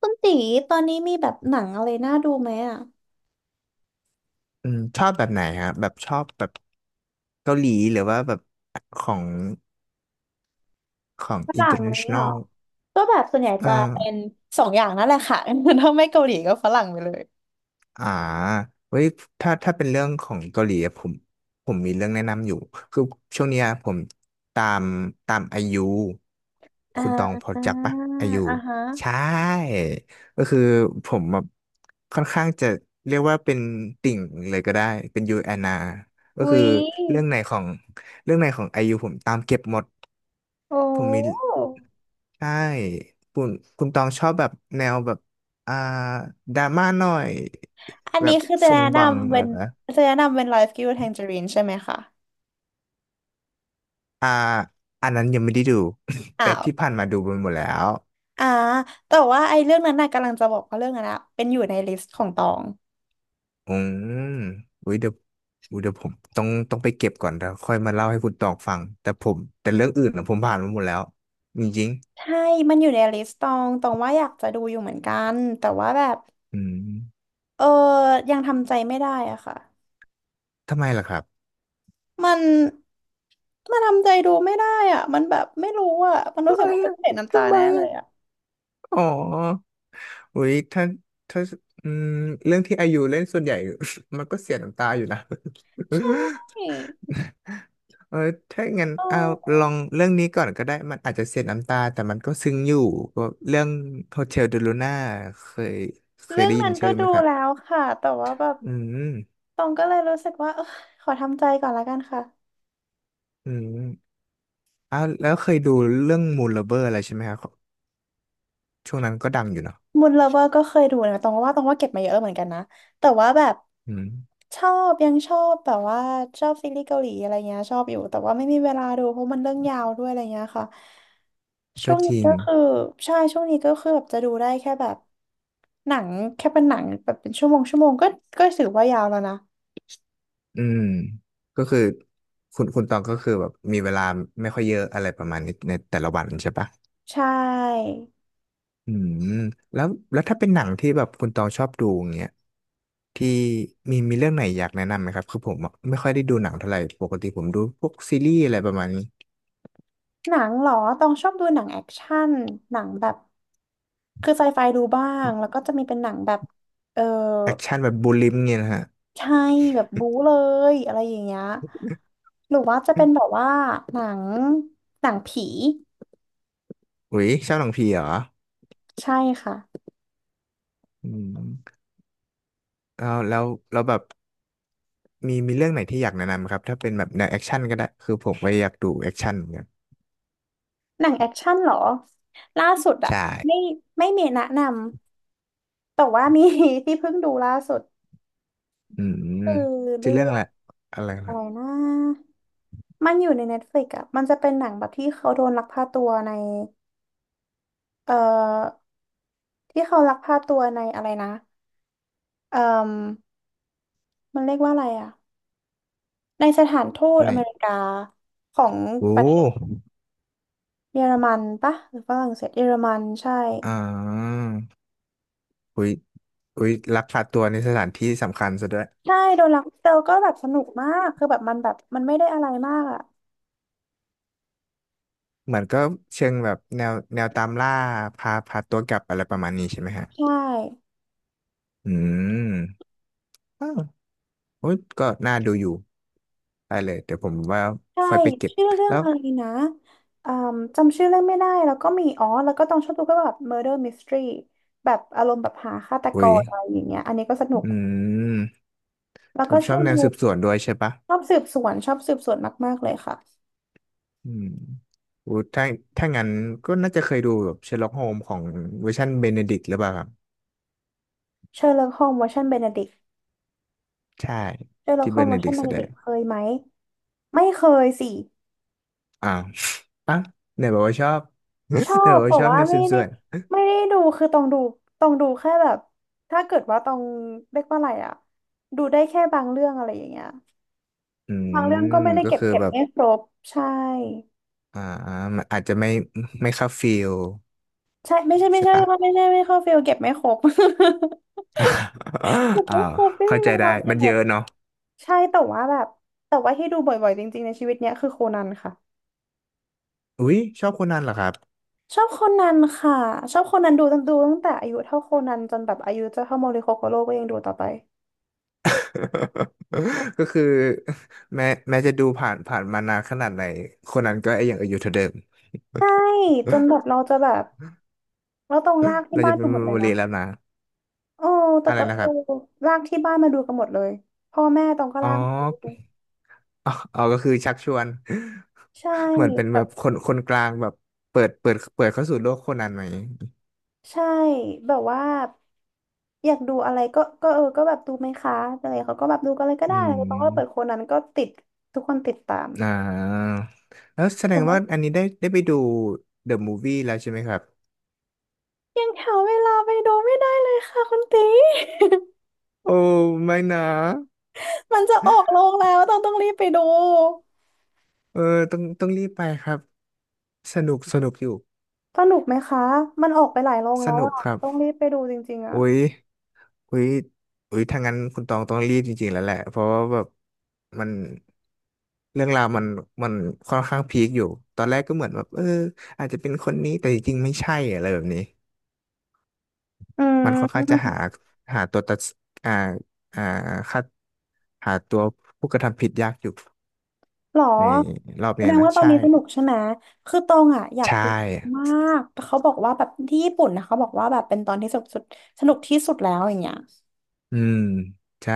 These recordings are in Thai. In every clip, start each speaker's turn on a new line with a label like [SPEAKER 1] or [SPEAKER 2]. [SPEAKER 1] คุณตีตอนนี้มีแบบหนังอะไรน่าดูไหมอ่ะ
[SPEAKER 2] อืมชอบแบบไหนฮะแบบชอบแบบเกาหลีหรือว่าแบบของของ
[SPEAKER 1] ฝรั่งอะไรอย่างเงี้ยหร
[SPEAKER 2] international
[SPEAKER 1] อก็แบบส่วนใหญ่
[SPEAKER 2] อ่
[SPEAKER 1] จะเป็น
[SPEAKER 2] า
[SPEAKER 1] สองอย่างนั่นแหละค่ะ ถ้าไม่เกาหลีก็ฝรั่งไปเลย
[SPEAKER 2] อ่าเว้ยถ้าเป็นเรื่องของเกาหลีอะผมมีเรื่องแนะนำอยู่คือช่วงเนี้ยผมตามตามไอยู
[SPEAKER 1] อ่า
[SPEAKER 2] คุณตองพอ
[SPEAKER 1] อ่า
[SPEAKER 2] จักปะไอยู
[SPEAKER 1] อ่าฮะ
[SPEAKER 2] ใช่ก็คือผมแบบค่อนข้างจะเรียกว่าเป็นติ่งเลยก็ได้เป็นยูแอนนาก็
[SPEAKER 1] อุ๊
[SPEAKER 2] คือ
[SPEAKER 1] ย
[SPEAKER 2] เรื่องไหนของเรื่องไหนของไอยูผมตามเก็บหมด
[SPEAKER 1] โอ
[SPEAKER 2] ผมมี
[SPEAKER 1] ้
[SPEAKER 2] ใช่คุณคุณตองชอบแบบแนวแบบอ่าดราม่าหน่อย
[SPEAKER 1] อัน
[SPEAKER 2] แบ
[SPEAKER 1] นี้
[SPEAKER 2] บ
[SPEAKER 1] คือจะ
[SPEAKER 2] ซ
[SPEAKER 1] แนะ
[SPEAKER 2] งบัง
[SPEAKER 1] นำ
[SPEAKER 2] เห
[SPEAKER 1] เป็
[SPEAKER 2] รอ
[SPEAKER 1] น
[SPEAKER 2] นะ
[SPEAKER 1] จะแนะนำเป็น Life Giver Tangerine ใช่ไหมคะ
[SPEAKER 2] อ่าอันนั้นยังไม่ได้ดู
[SPEAKER 1] อ้า
[SPEAKER 2] แต่
[SPEAKER 1] ว
[SPEAKER 2] ที่ผ่านมาดูไปหมดแล้ว
[SPEAKER 1] อ่าแต่ว่าไอ้เรื่องนั้นน่ะกำลังจะบอกว่าเรื่องนั้นอะเป็นอยู่ในลิสต์ของตอง
[SPEAKER 2] อืมอุ้ยเดี๋ยวอุ้ยเดี๋ยวผมต้องไปเก็บก่อนแล้วค่อยมาเล่าให้คุณตองฟัง แต่ผมแต่เรื่องอื่นนะผมผ่านมาหมดแล้วจริง
[SPEAKER 1] ใช่มันอยู่ในลิสต์ตองตองว่าอยากจะดูอยู่เหมือนกันแต่ว่าแบบ
[SPEAKER 2] ๆอืม
[SPEAKER 1] เออยังทำใจไม่ได้อะค่ะ
[SPEAKER 2] ทำไมล่ะครับ
[SPEAKER 1] มันมันทำใจดูไม่ได้อะมันแบบไม่รู้อะมันรู้
[SPEAKER 2] ทำ
[SPEAKER 1] สึ
[SPEAKER 2] ไม
[SPEAKER 1] กว่าต้อง
[SPEAKER 2] อะ
[SPEAKER 1] เห็นน้ำตา
[SPEAKER 2] ทำไม
[SPEAKER 1] แน่เล
[SPEAKER 2] อะ
[SPEAKER 1] ยอะ
[SPEAKER 2] อ๋อ อุ้ยถ้าอืมเรื่องที่อายุเล่นส่วนใหญ่ มันก็เสียน้ำตาอยู่นะ
[SPEAKER 1] ใช่
[SPEAKER 2] เออถ้างั้น
[SPEAKER 1] เอ
[SPEAKER 2] เอาลอ
[SPEAKER 1] อ
[SPEAKER 2] งเรื่องนี้ก่อนก็ได้มันอาจจะเสียน้ำตาแต่มันก็ซึ้งอยู่ก็เรื่องโฮเทลเดลูน่าเคยเคย
[SPEAKER 1] เรื่อง
[SPEAKER 2] ได้ยิน
[SPEAKER 1] นั้นก็
[SPEAKER 2] ชื่อไห
[SPEAKER 1] ดู
[SPEAKER 2] มครับ
[SPEAKER 1] แล้วค่ะ แต่ว่าแบบ
[SPEAKER 2] อืม
[SPEAKER 1] ตองก็เลยรู้สึกว่าเออขอทำใจก่อนละกันค่ะ
[SPEAKER 2] อืมเอ้าแล้วเคยดูเรื่องมูน l ลเบอร์อะไรใช่ไหมครับช่วงนั้นก็ดังอยู่เนาะ
[SPEAKER 1] มูนเลเวอร์ก็เคยดูนะตองว่าเก็บมาเยอะเหมือนกันนะแต่ว่าแบบ
[SPEAKER 2] อืม
[SPEAKER 1] ชอบยังชอบแบบว่าชอบซีรีส์เกาหลีอะไรเงี้ยชอบอยู่แต่ว่าไม่มีเวลาดูเพราะมันเรื่องยาวด้วยอะไรเงี้ยค่ะช่
[SPEAKER 2] ก็
[SPEAKER 1] วง
[SPEAKER 2] จ
[SPEAKER 1] นี้
[SPEAKER 2] ริง
[SPEAKER 1] ก็คือใช่ช่วงนี้ก็คือแบบจะดูได้แค่แบบหนังแค่เป็นหนังแบบเป็นชั่วโมงชั่วโมงก็ก็ถือว่ายาวแล้วนะ
[SPEAKER 2] อืมก็คือคุณตองก็คือแบบมีเวลาไม่ค่อยเยอะอะไรประมาณนี้ในแต่ละวันใช่ปะ
[SPEAKER 1] ใช่
[SPEAKER 2] อืมแล้วถ้าเป็นหนังที่แบบคุณตองชอบดูอย่างเงี้ยที่มีเรื่องไหนอยากแนะนำไหมครับคือผมอะไม่ค่อยได้ดูหนังเท่าไหร่ปกติผมดูพวกซีรีส์อะไรประมาณนี้
[SPEAKER 1] หนังเหรอตองชอบดูหนังแอคชั่นหนังแบบคือไซไฟดูบ้างแล้วก็จะมีเป็นหนังแบบเออ
[SPEAKER 2] แอคชั่นแบบบูลลิมเงี้ยนะฮะ
[SPEAKER 1] ใช่แบบบู๊เลยอะไรอย่างเงี้ยหรือว่าจะเป็นแบบว่าหนังหนังผี
[SPEAKER 2] อุ๊ยชอบหนังผีเหรอ
[SPEAKER 1] ใช่ค่ะ
[SPEAKER 2] อืมแล้วแล้วแล้วแบบมีเรื่องไหนที่อยากแนะนำไหมครับถ้าเป็นแบบแนวแอคชั่นก็ได้คือผมก็อยากดูแอคชั่นเหมือนกัน
[SPEAKER 1] หนังแอคชั่นเหรอล่าสุดอะ
[SPEAKER 2] ใช่
[SPEAKER 1] ไม่ไม่มีแนะนำแต่ว่ามี ที่เพิ่งดูล่าสุด
[SPEAKER 2] อืม
[SPEAKER 1] คือ
[SPEAKER 2] ชื่
[SPEAKER 1] เรื่
[SPEAKER 2] อเรื่อง
[SPEAKER 1] อ
[SPEAKER 2] อะ
[SPEAKER 1] ง
[SPEAKER 2] ไรอะไร
[SPEAKER 1] อะไรนะมันอยู่ใน Netflix อะมันจะเป็นหนังแบบที่เขาโดนลักพาตัวในเอ่อที่เขาลักพาตัวในอะไรนะเอ่อมมันเรียกว่าอะไรอะในสถานทูต
[SPEAKER 2] ไห
[SPEAKER 1] อเมริ
[SPEAKER 2] น
[SPEAKER 1] กาของ
[SPEAKER 2] โอ้
[SPEAKER 1] ประเท เยอรมันปะหรือฝรั่งเศสเยอรมันใช่
[SPEAKER 2] อ่าอุ้ยอุ้ยลักพาตัวในสถานที่สำคัญซะด้วย
[SPEAKER 1] ใช่โดนลักเตลก็แบบสนุกมากคือแบบมันแบบมันไม่ได้อะไรมากอ่ะ
[SPEAKER 2] เหมือนก็เชิงแบบแนวตามล่าพาตัวกลับอะไรประมาณนี้ใช่ไหมฮะ
[SPEAKER 1] ใช่
[SPEAKER 2] อืมอ้าวโอ้ยก็น่าดูอยู่ได้เลย เดี๋ยวผมว่า
[SPEAKER 1] ใช่
[SPEAKER 2] ค่อยไปเก็บ
[SPEAKER 1] ชื่อเรื่อง
[SPEAKER 2] แล้ว
[SPEAKER 1] อะไรนะอืมจำชื่อเรื่องไม่ได้แล้วก็มีอ๋อแล้วก็ต้องชอบดูก็แบบ Murder Mystery แบบอารมณ์แบบหาฆาตก
[SPEAKER 2] อุ้ย
[SPEAKER 1] รอะไรอย่างเงี้ยอันนี้ก็สนุก
[SPEAKER 2] อืม
[SPEAKER 1] แล้ว
[SPEAKER 2] ผ
[SPEAKER 1] ก็
[SPEAKER 2] มช
[SPEAKER 1] ช
[SPEAKER 2] อ
[SPEAKER 1] อ
[SPEAKER 2] บ
[SPEAKER 1] บ
[SPEAKER 2] แน
[SPEAKER 1] ดู
[SPEAKER 2] วสืบสวนด้วยใช่ปะ
[SPEAKER 1] ชอบสืบสวนมากๆเลยค่ะ
[SPEAKER 2] อืมอู้ถ้างั้นก็น่าจะเคยดูแบบเชอร์ล็อกโฮมของเวอร์ชันเบเนดิกต์หรือเปล่าครับ
[SPEAKER 1] เชอร์ล็อกโฮมส์เวอร์ชันเบเนดิก
[SPEAKER 2] ใช่
[SPEAKER 1] เชอร์ล็อก
[SPEAKER 2] ที่
[SPEAKER 1] โฮ
[SPEAKER 2] เบ
[SPEAKER 1] มส์เว
[SPEAKER 2] เน
[SPEAKER 1] อร์
[SPEAKER 2] ดิ
[SPEAKER 1] ชัน
[SPEAKER 2] ก
[SPEAKER 1] เบ
[SPEAKER 2] ต์แส
[SPEAKER 1] เน
[SPEAKER 2] ด
[SPEAKER 1] ดิก
[SPEAKER 2] ง
[SPEAKER 1] เคยไหมไม่เคยสิ
[SPEAKER 2] อ่า อ่ะไหนบอกว่าชอบ
[SPEAKER 1] ชอ
[SPEAKER 2] ไหน
[SPEAKER 1] บ
[SPEAKER 2] บอก
[SPEAKER 1] แต่
[SPEAKER 2] ว่าชอบ
[SPEAKER 1] ว่า
[SPEAKER 2] แนวสื
[SPEAKER 1] ไม่
[SPEAKER 2] บส
[SPEAKER 1] ได้
[SPEAKER 2] วน
[SPEAKER 1] ไม่ได้ดูคือต้องดูแค่แบบถ้าเกิดว่าต้องเรียกว่าอะไรอะดูได้แค่บางเรื่องอะไรอย่างเงี้ย
[SPEAKER 2] อื
[SPEAKER 1] บาง
[SPEAKER 2] ม
[SPEAKER 1] เรื่องก็ไม่ได้
[SPEAKER 2] ก็
[SPEAKER 1] เก็บ
[SPEAKER 2] คือ
[SPEAKER 1] เก็บ
[SPEAKER 2] แบบ
[SPEAKER 1] ไม่ครบใช่
[SPEAKER 2] อ่ามันอาจจะไม่เข้าฟิล
[SPEAKER 1] ใช่ไม่ใช่ไม่
[SPEAKER 2] ใช่
[SPEAKER 1] ใช่
[SPEAKER 2] ปะ
[SPEAKER 1] ว่าไม่ใช่ไม่เข้าฟิลเก็บไม่ครบ เก็บ
[SPEAKER 2] อ้า
[SPEAKER 1] ไม่
[SPEAKER 2] ว
[SPEAKER 1] ครบไม่มี
[SPEAKER 2] เข้าใจ
[SPEAKER 1] เว
[SPEAKER 2] ได้
[SPEAKER 1] ลาเก็
[SPEAKER 2] มันเย
[SPEAKER 1] บ
[SPEAKER 2] อะเนาะ
[SPEAKER 1] ใช่แต่ว่าแบบแต่ว่าที่ดูบ่อยๆจริงๆในชีวิตเนี้ยคือโคนันค่ะ
[SPEAKER 2] อุ๊ยชอบคนนั้นเหรอครับ
[SPEAKER 1] ชอบโคนันค่ะชอบโคนันดูตั้งแต่อายุเท่าโคนันจนแบบอายุจะเท่าโมริโคโกโร่ก็ยังดูต่อไป
[SPEAKER 2] ก็คือแม้แม้จะดูผ่านมานานขนาดไหน คนนั้นก็ยังอยู่เท่าเดิม
[SPEAKER 1] ใช่จนแบบเราจะแบบ แล้วต้องลาก ที่
[SPEAKER 2] เรา
[SPEAKER 1] บ้า
[SPEAKER 2] จะ
[SPEAKER 1] น
[SPEAKER 2] เป็
[SPEAKER 1] ดู
[SPEAKER 2] นเม
[SPEAKER 1] หมด
[SPEAKER 2] ม
[SPEAKER 1] เล
[SPEAKER 2] โม
[SPEAKER 1] ยนะ
[SPEAKER 2] รีแล้วนะ
[SPEAKER 1] โอ้ แต่
[SPEAKER 2] อะไร
[SPEAKER 1] ก็
[SPEAKER 2] นะค
[SPEAKER 1] เออ
[SPEAKER 2] รับ
[SPEAKER 1] ลากที่บ้านมาดูกันหมดเลยพ่อแม่ตองก็
[SPEAKER 2] อ๋อ
[SPEAKER 1] ลากมาดูด้วย
[SPEAKER 2] อ๋อ อ๋อก็คือชักชวน
[SPEAKER 1] ใช่
[SPEAKER 2] เหมือนเป็น
[SPEAKER 1] แบ
[SPEAKER 2] แบ
[SPEAKER 1] บ
[SPEAKER 2] บคนกลางแบบเปิดเข้าสู่โลกโคนันไหม
[SPEAKER 1] ใช่ แบบว่าอยากดูอะไรก็เออ ก็แบบดูไหมคะอะไรเขาก็แบบดูกันเลยก็
[SPEAKER 2] อื
[SPEAKER 1] ได้แล้วตองก็เปิดค
[SPEAKER 2] ม
[SPEAKER 1] นนั้นก็ติด ทุกคนติดตาม
[SPEAKER 2] อ่าแล้วแสด
[SPEAKER 1] ผม
[SPEAKER 2] ง
[SPEAKER 1] ว่า
[SPEAKER 2] ว่าอันนี้ได้ไปดู The Movie แล้วใช่ไหมครับ
[SPEAKER 1] ยังหาเวลาไปดูไม่ได้เลยค่ะคุณตี
[SPEAKER 2] โอ้ไม่นะ
[SPEAKER 1] มันจะออกโรงแล้วต้องรีบไปดู
[SPEAKER 2] เออต้องรีบไปครับ สนุกอยู่
[SPEAKER 1] สนุกไหมคะมันออกไปหลายโรง
[SPEAKER 2] ส
[SPEAKER 1] แล้ว
[SPEAKER 2] นุก
[SPEAKER 1] อะ
[SPEAKER 2] ครับ
[SPEAKER 1] ต้องรีบไปดูจริงๆอะ
[SPEAKER 2] โอ้ยโอ้ยอุ้ยถ้างั้นคุณตองต้องรีบจริงๆแล้วแหละ เพราะว่าแบบมันเรื่องราวมันค่อนข้างพีคอยู่ ตอนแรกก็เหมือนแบบเอออาจจะเป็นคนนี้แต่จริงๆไม่ใช่อะไรแบบนี้
[SPEAKER 1] อื
[SPEAKER 2] มันค่อนข้างจะหา
[SPEAKER 1] ม
[SPEAKER 2] หาตัวตัดอ่าอ่าคัดหาตัวผู้กระทำผิดยากอยู่
[SPEAKER 1] หรอ
[SPEAKER 2] ในรอบ
[SPEAKER 1] แส
[SPEAKER 2] เนี้
[SPEAKER 1] ด
[SPEAKER 2] ย
[SPEAKER 1] ง
[SPEAKER 2] นะ
[SPEAKER 1] ว่าตอนนี้สนุกใช่ไหมคือตองอ่ะอยาก
[SPEAKER 2] ใช่
[SPEAKER 1] ดูมากแต่เขาบอกว่าแบบที่ญี่ปุ่นนะเขาบอกว่าแบบเป็นตอนที่สนุกสุดสนุกที่สุดแล้วอย่างเงี้ย
[SPEAKER 2] อืมใช่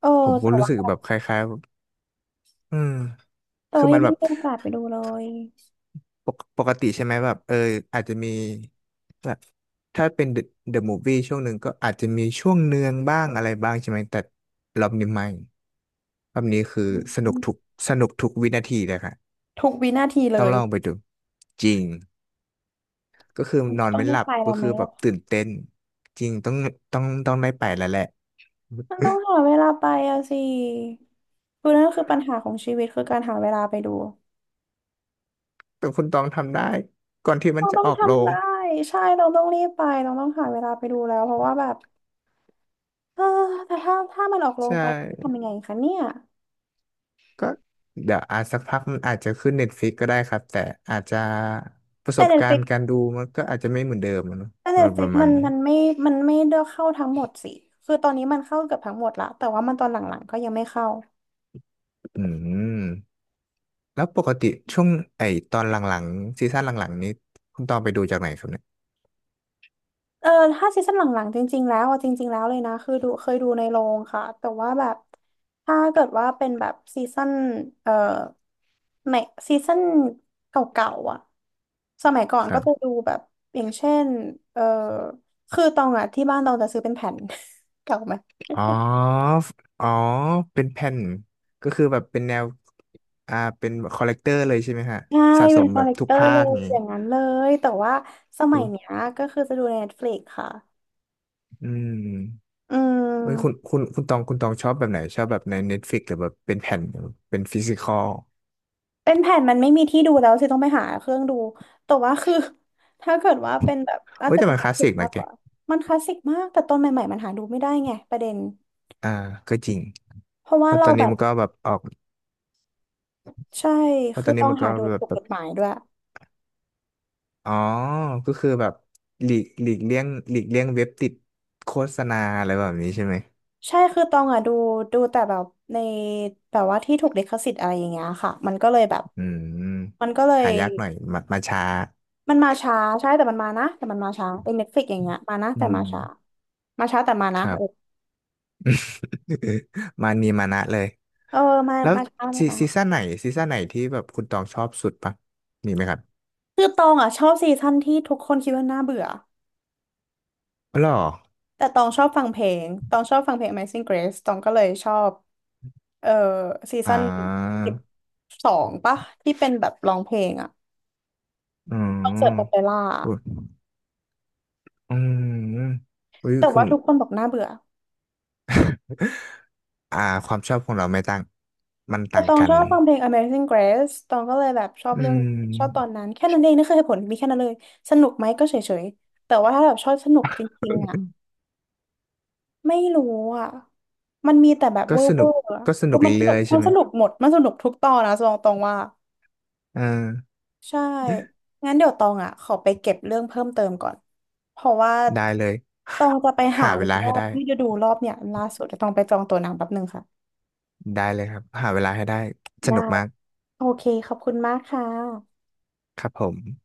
[SPEAKER 1] เออ
[SPEAKER 2] ผมก็
[SPEAKER 1] แต่
[SPEAKER 2] รู้
[SPEAKER 1] ว่า
[SPEAKER 2] สึกแบบคล้ายๆอืม
[SPEAKER 1] แต่
[SPEAKER 2] คือ
[SPEAKER 1] ว่า
[SPEAKER 2] มั
[SPEAKER 1] ยั
[SPEAKER 2] น
[SPEAKER 1] ง
[SPEAKER 2] แบ
[SPEAKER 1] ไม่
[SPEAKER 2] บ
[SPEAKER 1] มีโอกาสไปดูเลย
[SPEAKER 2] ปกติใช่ไหมแบบเอออาจจะมีแบบถ้าเป็นเดอะมูฟวี่ช่วงหนึ่งก็อาจจะมีช่วงเนืองบ้างอะไรบ้างใช่ไหมแต่รอบนี้ไม่รอบนี้คือสนุก
[SPEAKER 1] อืม
[SPEAKER 2] ทุกสนุกทุกวินาทีเลยค่ะ
[SPEAKER 1] ทุกวินาทีเล
[SPEAKER 2] ต้อง
[SPEAKER 1] ย
[SPEAKER 2] ลองไปดูจริง ก็คือนอน
[SPEAKER 1] ต้อง
[SPEAKER 2] ไม่
[SPEAKER 1] ได้
[SPEAKER 2] หลับ
[SPEAKER 1] ไปแล้
[SPEAKER 2] ก็
[SPEAKER 1] วไหม
[SPEAKER 2] คือแบบ
[SPEAKER 1] อะ
[SPEAKER 2] ตื่นเต้นจริงต้องต้องได้ไปแล้วแหละ
[SPEAKER 1] มันต้องหาเวลาไปอะสิคือนั่นคือปัญหาของชีวิตคือการหาเวลาไปดู
[SPEAKER 2] แต่คุณต้องทำได้ก่อนที่มัน
[SPEAKER 1] เรา
[SPEAKER 2] จะ
[SPEAKER 1] ต้อง
[SPEAKER 2] ออกโร
[SPEAKER 1] ทำ
[SPEAKER 2] ง
[SPEAKER 1] ได้ใช่เราต้องรีบไปเราต้องหาเวลาไปดูแล้วเพราะว่าแบบเออแต่ถ้ามันออกโร
[SPEAKER 2] ใช
[SPEAKER 1] งไปจะ
[SPEAKER 2] ่
[SPEAKER 1] ทำยังไงคะเนี่ย
[SPEAKER 2] ก็เดี๋ยวอาจสักพักมันอาจจะขึ้นเน็ตฟ i ิกก็ได้ครับแต่อาจจะประส
[SPEAKER 1] แต่
[SPEAKER 2] บ
[SPEAKER 1] เน็ต
[SPEAKER 2] กา
[SPEAKER 1] ฟ
[SPEAKER 2] ร
[SPEAKER 1] ลิก
[SPEAKER 2] ณ์การดูมันก็อาจจะไม่เหมือนเดิมอะเนอะประมา
[SPEAKER 1] มั
[SPEAKER 2] ณ
[SPEAKER 1] น
[SPEAKER 2] นี้
[SPEAKER 1] มันไม่มันไม่ได้เข้าทั้งหมดสิคือตอนนี้มันเข้าเกือบทั้งหมดละแต่ว่ามันตอนหลังๆก็ยังไม่เข้า
[SPEAKER 2] อืมแล้วปกติช่วงไอ้ตอนหลังๆซีซั่นหลังๆนี้คุณตองไปดูจากไหนครับเนี่ย
[SPEAKER 1] เออถ้าซีซั่นหลังๆจริงๆแล้วเลยนะคือเคยดูในโรงค่ะแต่ว่าแบบถ้าเกิดว่าเป็นแบบซีซั่นเอ่อในซีซั่นเก่าๆอ่ะสมัยก่อน
[SPEAKER 2] ค
[SPEAKER 1] ก็
[SPEAKER 2] รับ
[SPEAKER 1] จะดูแบบอย่างเช่นเอ่อคือตองอ่ะที่บ้านตองจะซื้อเป็นแผ่น เก่าไหม
[SPEAKER 2] อ๋อฟอ๋อ เป็นแผ่น ก็คือแบบเป็นแนว เป็นคอลเลกเตอร์เลยใช่ไหมฮะ
[SPEAKER 1] ใช่
[SPEAKER 2] สะส
[SPEAKER 1] เป็น
[SPEAKER 2] ม
[SPEAKER 1] คอ
[SPEAKER 2] แบ
[SPEAKER 1] ล
[SPEAKER 2] บ
[SPEAKER 1] เลก
[SPEAKER 2] ทุ
[SPEAKER 1] เต
[SPEAKER 2] ก
[SPEAKER 1] อร์
[SPEAKER 2] ภา
[SPEAKER 1] เลย
[SPEAKER 2] คอย่าง
[SPEAKER 1] อ
[SPEAKER 2] งี้
[SPEAKER 1] ย่างนั้นเลยแต่ว่าส
[SPEAKER 2] อื
[SPEAKER 1] มัย
[SPEAKER 2] อ
[SPEAKER 1] เนี้ยก็คือจะดูใน Netflix ค่ะ
[SPEAKER 2] อืม
[SPEAKER 1] อื
[SPEAKER 2] เฮ้ยคุณ
[SPEAKER 1] ม
[SPEAKER 2] คุณคุณตองชอบแบบไหน ชอบแบบใน Netflix หรือแบบเป็นแผ่นหรือเป็นฟิสิคอล
[SPEAKER 1] เป็นแผ่นมันไม่มีที่ดูแล้วสิต้องไปหาเครื่องดูแต่ว่าคือถ้าเกิดว่าเป็นแบบน่า
[SPEAKER 2] โอ้ย
[SPEAKER 1] จะ
[SPEAKER 2] แต่
[SPEAKER 1] เป็น
[SPEAKER 2] มันคลาสสิ
[SPEAKER 1] Netflix
[SPEAKER 2] กนะ
[SPEAKER 1] มาก
[SPEAKER 2] แก
[SPEAKER 1] กว่ามันคลาสสิกมากแต่ตอนใหม่ๆมันหาดูไม่ได้ไงประเด็น
[SPEAKER 2] อ่า ก็จริง
[SPEAKER 1] เพราะ
[SPEAKER 2] เพ
[SPEAKER 1] ว่า
[SPEAKER 2] ราะต
[SPEAKER 1] เรา
[SPEAKER 2] อน
[SPEAKER 1] แบ
[SPEAKER 2] นี้
[SPEAKER 1] บ
[SPEAKER 2] มันก็แบบออก
[SPEAKER 1] ใช่
[SPEAKER 2] เพราะ
[SPEAKER 1] คื
[SPEAKER 2] ตอ
[SPEAKER 1] อ
[SPEAKER 2] นนี้
[SPEAKER 1] ต้อง
[SPEAKER 2] มันก็
[SPEAKER 1] หาดู
[SPEAKER 2] แบบ
[SPEAKER 1] ถูกกฎหมายด้วย
[SPEAKER 2] อ๋อ ก็คือแบบหลีกเลี่ยงหลีกเลี่ยงเว็บติดโฆษณาอะไรแบบนี้ใช่ไหม
[SPEAKER 1] ใช่คือตองอะดูแต่แบบในแบบว่าที่ถูกลิขสิทธิ์อะไรอย่างเงี้ยค่ะมันก็เลยแบบ
[SPEAKER 2] อื
[SPEAKER 1] มั
[SPEAKER 2] ม
[SPEAKER 1] นก็เลย
[SPEAKER 2] หายากหน่อยมาช้า
[SPEAKER 1] มันมาช้าใช่แต่มันมานะแต่มันมาช้าเป็นเน็ตฟลิกอย่างเงี้ยมานะ
[SPEAKER 2] อื
[SPEAKER 1] แต่มา
[SPEAKER 2] ม
[SPEAKER 1] ช้ามาช้าแต่มา
[SPEAKER 2] ค
[SPEAKER 1] นะ
[SPEAKER 2] รั
[SPEAKER 1] เอ
[SPEAKER 2] บ
[SPEAKER 1] อ
[SPEAKER 2] มานีมานะเลย
[SPEAKER 1] เออ
[SPEAKER 2] แล้ว
[SPEAKER 1] มาช้าแต่
[SPEAKER 2] ซี
[SPEAKER 1] มา
[SPEAKER 2] ซี
[SPEAKER 1] นะ
[SPEAKER 2] ซั่นไหนซีซั่นไหนที่แบบคุณตองชอบสุดปะมีไหมครับ
[SPEAKER 1] คือตองอ่ะชอบซีซั่นที่ทุกคนคิดว่าน่าเบื่อ
[SPEAKER 2] อ๋อเหรอ
[SPEAKER 1] แต่ตองชอบฟังเพลง Amazing Grace ตองก็เลยชอบเออซี
[SPEAKER 2] อ่
[SPEAKER 1] ซั่น
[SPEAKER 2] า
[SPEAKER 1] 12ปะที่เป็นแบบร้องเพลงอ่ะ
[SPEAKER 2] อื
[SPEAKER 1] คอนเสิร์ต
[SPEAKER 2] ม
[SPEAKER 1] โอเปร่า
[SPEAKER 2] อุ๊ยอืมอุ้ย
[SPEAKER 1] แต่
[SPEAKER 2] คุ
[SPEAKER 1] ว่า
[SPEAKER 2] ณ
[SPEAKER 1] ทุกคนบอกน่าเบื่อ
[SPEAKER 2] อ่าความชอบของเราไม่ต่างมันต่าง
[SPEAKER 1] ตอง
[SPEAKER 2] กั
[SPEAKER 1] ช
[SPEAKER 2] น
[SPEAKER 1] อบฟังเพลง Amazing Grace ตองก็เลยแบบชอบ
[SPEAKER 2] อื
[SPEAKER 1] เรื่องชอบตอน
[SPEAKER 2] ม
[SPEAKER 1] นั้นแค่นั้นเองนั่นคือเหตุผลมีแค่นั้นเลยสนุกไหมก็เฉยๆแต่ว่าถ้าแบบชอบสนุกจริงๆอ่ะไม่รู้อ่ะมันมีแต่แบบ
[SPEAKER 2] ก็ส
[SPEAKER 1] เว
[SPEAKER 2] นุ
[SPEAKER 1] อ
[SPEAKER 2] ก
[SPEAKER 1] ร์อะ
[SPEAKER 2] ก็ส
[SPEAKER 1] แต่
[SPEAKER 2] นุก
[SPEAKER 1] มันสนุ
[SPEAKER 2] เรื่อ
[SPEAKER 1] ก
[SPEAKER 2] ยๆใช่ไหม
[SPEAKER 1] หมดมันสนุกทุกตอนนะตองว่า
[SPEAKER 2] เออ
[SPEAKER 1] ใช่งั้นเดี๋ยวตองอ่ะขอไปเก็บเรื่องเพิ่มเติมก่อนเพราะว่า
[SPEAKER 2] ได้เลย
[SPEAKER 1] ตองจะไปหา
[SPEAKER 2] หาเว
[SPEAKER 1] ดู
[SPEAKER 2] ลา
[SPEAKER 1] รอ
[SPEAKER 2] ให้
[SPEAKER 1] บ
[SPEAKER 2] ได้
[SPEAKER 1] ที่จะดูรอบเนี่ยล่าสุดจะตองไปจองตั๋วหนังแป๊บนึงค่ะ
[SPEAKER 2] ได้เลยครับหาเวลาให้ได้ส
[SPEAKER 1] ได้
[SPEAKER 2] นุกมาก
[SPEAKER 1] โอเคขอบคุณมากค่ะ
[SPEAKER 2] ครับผม